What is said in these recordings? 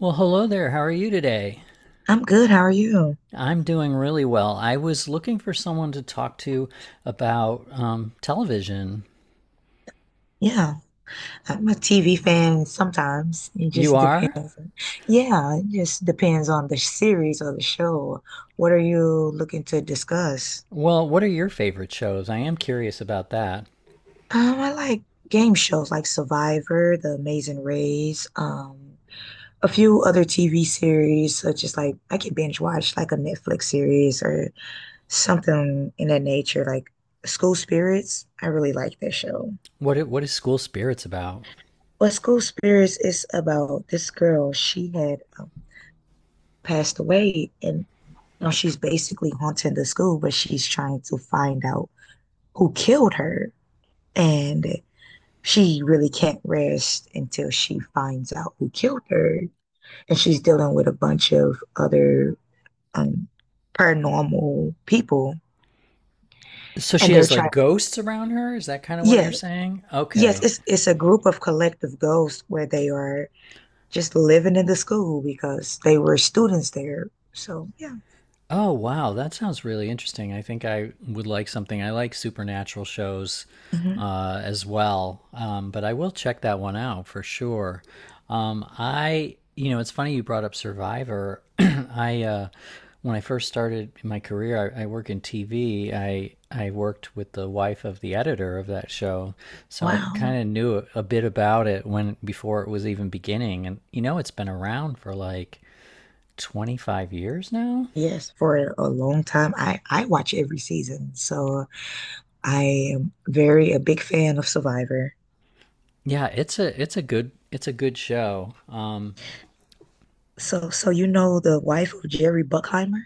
Well, hello there. How are you today? I'm good. How are you? I'm doing really well. I was looking for someone to talk to about television. Yeah, I'm a TV fan sometimes. It You just are? depends. Yeah, it just depends on the series or the show. What are you looking to discuss? Well, what are your favorite shows? I am curious about that. I like game shows like Survivor, The Amazing Race, a few other TV series such as like I could binge watch like a Netflix series or something in that nature, like School Spirits. I really like that show. What is School Spirits about? Well, School Spirits is about this girl. She had a passed away and she's basically haunting the school, but she's trying to find out who killed her. And she really can't rest until she finds out who killed her. And she's dealing with a bunch of other um, paranormal people. So And she they're has trying, like ghosts around her? Is that kind of what you're yeah, saying? yes, Okay. it's a group of collective ghosts where they are just living in the school because they were students there. So, yeah. Oh, wow. That sounds really interesting. I think I would like something. I like supernatural shows Mhm. As well, but I will check that one out for sure. I, it's funny you brought up Survivor. When I first started my career, I work in TV. I worked with the wife of the editor of that show, so I Wow. So kind of knew a bit about it when before it was even beginning. And you know, it's been around for like 25 years now. yes, for a long time. I watch every season. So I am very a big fan of Survivor. Yeah, it's a good show. So you know the wife of Jerry Buckheimer?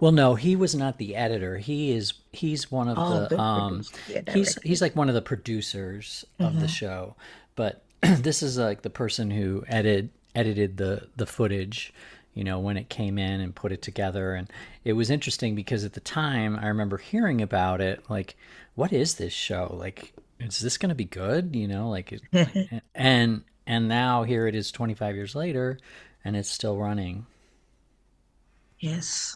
Well, no, he was not the editor. He's one of Oh, the the um producer, yeah, he's directors. like one of the producers of the Hmm. show, but this is like the person who edited the footage, you know, when it came in and put it together, and it was interesting because at the time I remember hearing about it like what is this show? Like is this going to be good, you know, like it, and now here it is 25 years later and it's still running. Yes.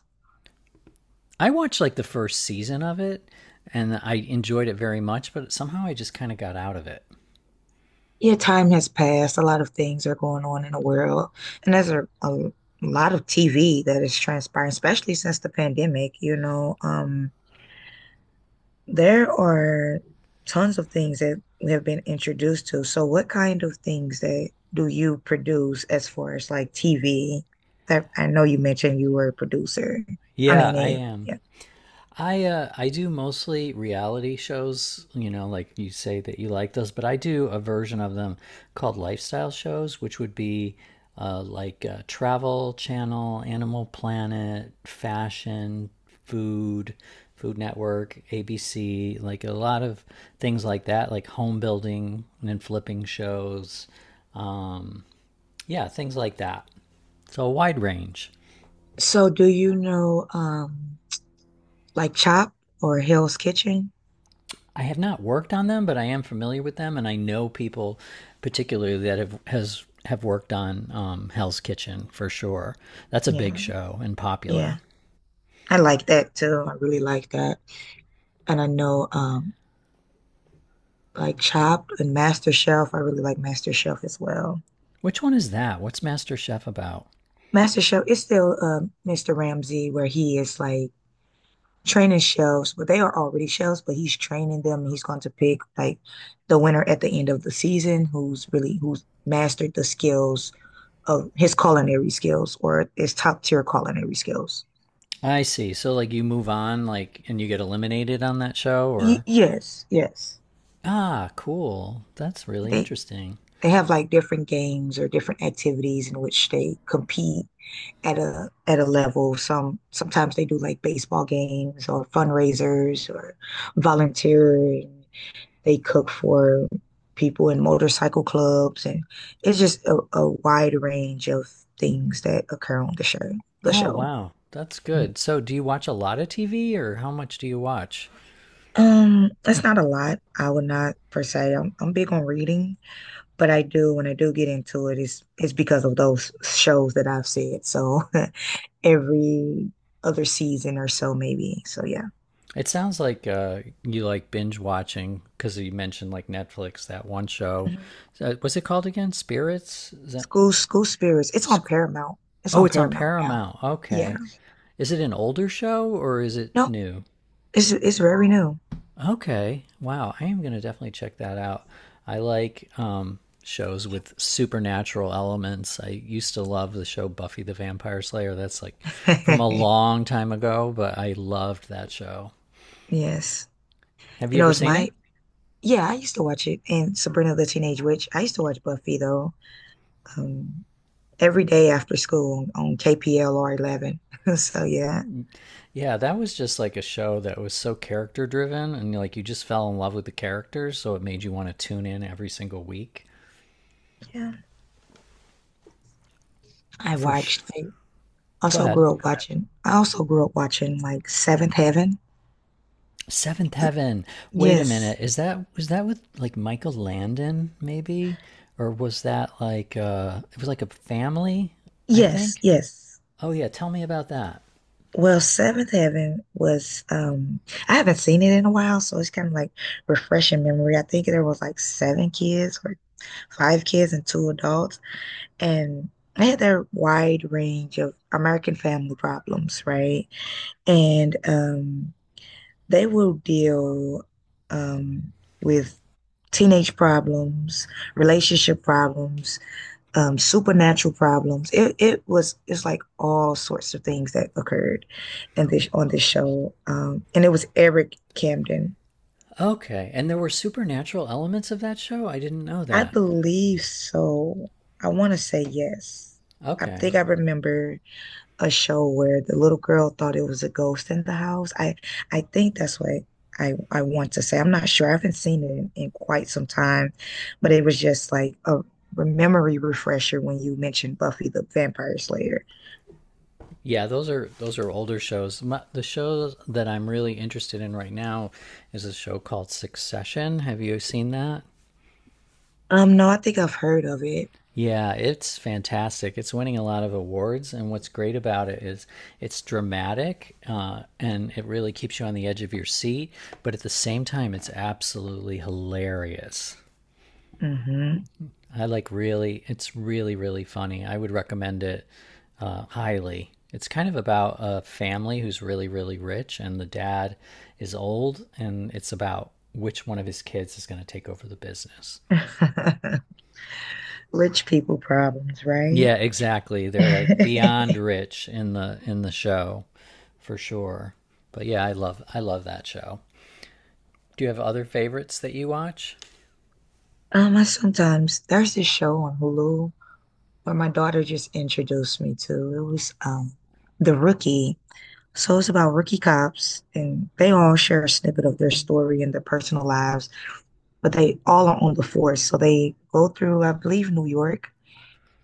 I watched like the first season of it and I enjoyed it very much, but somehow I just kind of got out of it. Yeah, time has passed. A lot of things are going on in the world. And there's a lot of TV that is transpiring, especially since the pandemic, you know. Um, there are tons of things that we have been introduced to. So what kind of things that do you produce as far as like TV? That I know you mentioned you were a producer. I Yeah, mean, I yeah. A, am. yeah. I do mostly reality shows, you know, like you say that you like those, but I do a version of them called lifestyle shows, which would be like Travel Channel, Animal Planet, fashion, food, Food Network, ABC, like a lot of things like that, like home building and flipping shows, um, yeah, things like that. So a wide range. So do you know like Chop or Hell's Kitchen? I have not worked on them, but I am familiar with them, and I know people, particularly that have worked on Hell's Kitchen for sure. That's a big Yeah. show and popular. Yeah. I like that too. I really like that. And I know like Chopped and MasterChef. I really like MasterChef as well. Which one is that? What's Master Chef about? MasterChef is still Mr. Ramsay where he is like training chefs, but they are already chefs, but he's training them and he's going to pick like the winner at the end of the season who's really who's mastered the skills of his culinary skills or his top tier culinary skills. I see. So like you move on, like, and you get eliminated on that show, Y or yes, yes. ah, cool. That's really They interesting. they have like different games or different activities in which they compete at a level. Sometimes they do like baseball games or fundraisers or volunteering. They cook for people in motorcycle clubs, and it's just a wide range of things that occur on the show. The Oh show. wow, that's good. So do you watch a lot of TV, or how much do you watch? That's not a lot. I would not per se. I'm big on reading, but I do when I do get into it, it's because of those shows that I've said. So every other season or so, maybe. So yeah. It sounds like you like binge watching because you mentioned like Netflix that one show. What's it called again? Spirits? Is that? School Spirits. It's on Paramount. It's Oh, on it's on Paramount now. Paramount. Yeah. Okay. Is it an older show or is it No, new? it's very new. Okay. Wow. I am gonna definitely check that out. I like shows with supernatural elements. I used to love the show Buffy the Vampire Slayer. That's like from a long time ago, but I loved that show. Yes. Have you You know, ever it's seen my it? yeah, I used to watch it and Sabrina the Teenage Witch. I used to watch Buffy though. Um every day after school on KPLR 11. So yeah. Yeah, that was just like a show that was so character driven and like you just fell in love with the characters, so it made you want to tune in every single week. Yeah. I For sure. watched I Go also ahead. grew up watching. I also grew up watching like Seventh Heaven. Seventh Heaven. Wait a Yes. minute. Is that, was that with like Michael Landon maybe? Or was that like it was like a family, I Yes, think? yes. Oh yeah, tell me about that. Well, Seventh Heaven was I haven't seen it in a while, so it's kind of like refreshing memory. I think there was like seven kids or five kids and two adults, and I had that wide range of American family problems, right? And they will deal um with teenage problems, relationship problems, supernatural problems. It was it's like all sorts of things that occurred, in this on this show. And it was Eric Camden, Okay. And there were supernatural elements of that show? I didn't know I that. believe so. I want to say yes. I Okay. think I remember a show where the little girl thought it was a ghost in the house. I think that's what I want to say. I'm not sure. I haven't seen it in quite some time, but it was just like a memory refresher when you mentioned Buffy the Vampire Slayer. Yeah, those are older shows. My, the show that I'm really interested in right now is a show called Succession. Have you seen that? No, I think I've heard of it. Yeah, it's fantastic. It's winning a lot of awards, and what's great about it is it's dramatic and it really keeps you on the edge of your seat. But at the same time, it's absolutely hilarious. Hmm. I like really, it's really, really funny. I would recommend it highly. It's kind of about a family who's really, really rich, and the dad is old, and it's about which one of his kids is going to take over the business. Rich people problems, right? Yeah, exactly. They're like beyond rich in the show, for sure. But yeah, I love that show. Do you have other favorites that you watch? I sometimes there's this show on Hulu where my daughter just introduced me to. It was The Rookie. So it's about rookie cops, and they all share a snippet of their story and their personal lives, but they all are on the force. So they go through, I believe, New York,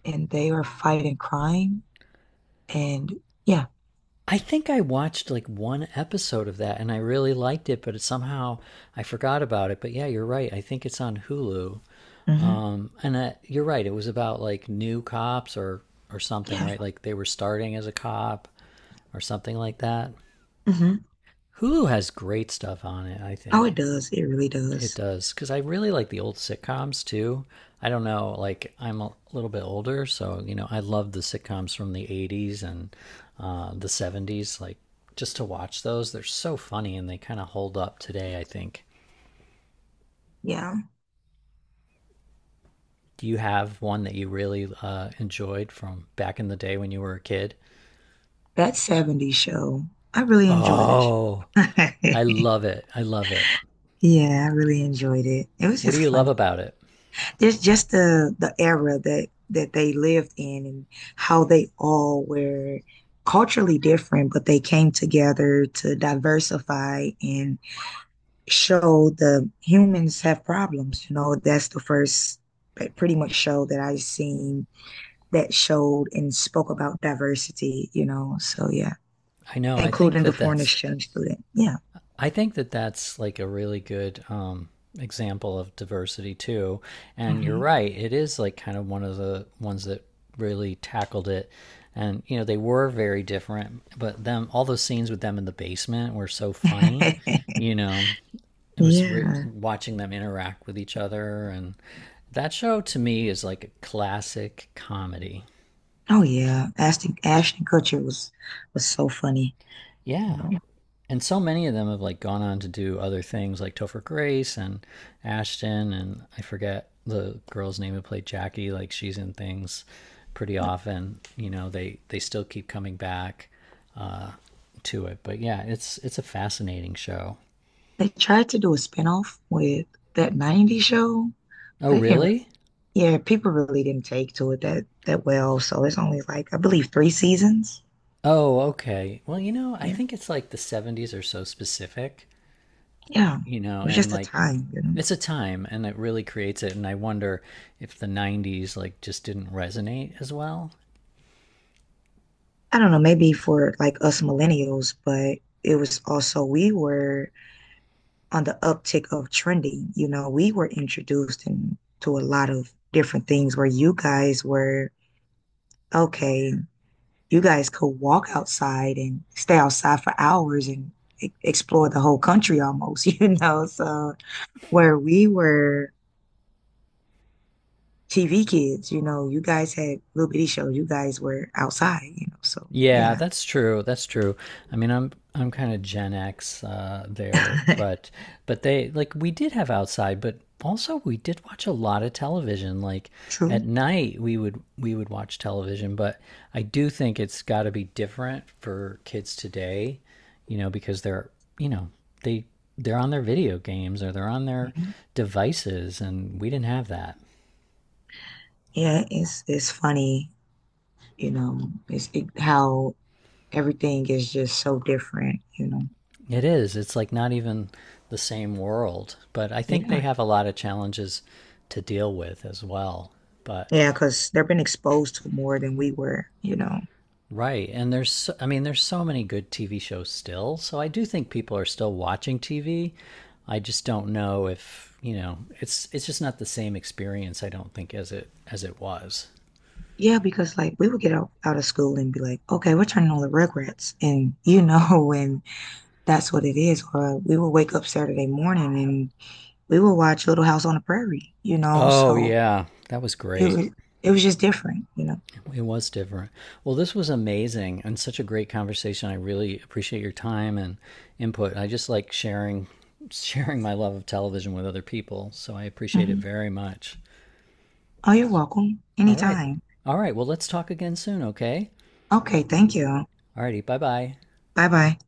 and they are fighting crime. And yeah. I think I watched like one episode of that and I really liked it, but it, somehow I forgot about it. But yeah, you're right. I think it's on Hulu. Hmm. And you're right. It was about like new cops or something, Yeah. right? Like they were starting as a cop or something like that. Hmm. Hulu has great stuff on it, I Oh, it think. does. It really It does. does because I really like the old sitcoms too. I don't know, like I'm a little bit older, so you know I love the sitcoms from the '80s and the '70s. Like just to watch those, they're so funny and they kind of hold up today. I think. Yeah. Do you have one that you really enjoyed from back in the day when you were a kid? That 70s show, I really enjoyed Oh, it. I love it. Yeah, I really enjoyed it. It was What do just you love fun. about it? Just the era that they lived in and how they all were culturally different, but they came together to diversify and show the humans have problems. You know, that's the first pretty much show that I've seen that showed and spoke about diversity, you know. So yeah, I know. Including the foreign exchange student. Yeah. I think that that's like a really good example of diversity too. And you're Hmm. right; it is like kind of one of the ones that really tackled it. And you know, they were very different, but them all those scenes with them in the basement were so funny. You know, it was Yeah. watching them interact with each other, and that show to me is like a classic comedy. Oh yeah. Ashton Kutcher was so funny. You Yeah, know. and so many of them have like gone on to do other things like Topher Grace and Ashton, and I forget the girl's name who played Jackie. Like, she's in things pretty often. You know, they still keep coming back uh to it. But yeah, it's a fascinating show. They tried to do a spinoff with that '90s show, Oh but it didn't, really. yeah, people really didn't take to it that well. So it's only like I believe 3 seasons. Oh okay, well, you know, I Yeah. think it's like the '70s are so specific, Yeah. you know, It was and just a like time, you know. it's a time and it really creates it, and I wonder if the '90s like just didn't resonate as well. I don't know, maybe for like us millennials, but it was also we were on the uptick of trending. You know, we were introduced in, to a lot of different things where you guys were, okay, you guys could walk outside and stay outside for hours and explore the whole country almost, you know? So where we were TV kids, you know, you guys had little bitty shows. You guys were outside, you know? So Yeah, yeah. that's true. That's true. I'm kind of Gen X there, but they like we did have outside, but also we did watch a lot of television. Like True. at night, we would watch television, but I do think it's got to be different for kids today, you know, because they're you know they they're on their video games or they're on their Mhm. devices, and we didn't have that. Yeah, it's funny, you know, it's it, how everything is just so different, you know. It is. It's like not even the same world. But I think they Yeah. have a lot of challenges to deal with as well. But Yeah, because they've been exposed to more than we were, you know. right, and I mean there's so many good TV shows still. So I do think people are still watching TV. I just don't know if, you know, it's just not the same experience I don't think as it was. Yeah, because like we would get out, out of school and be like, okay, we're turning on the Rugrats. And you know, and that's what it is. Or we would wake up Saturday morning and we would watch Little House on the Prairie, you know. Oh So yeah, that was it was great. it was just different, you know. It was different. Well, this was amazing and such a great conversation. I really appreciate your time and input. I just like sharing sharing my love of television with other people, so I appreciate it Hmm. very much. Oh, you're welcome. All right. Anytime. All right. Well, let's talk again soon, okay? Okay, thank you. All righty. Bye-bye. Bye bye.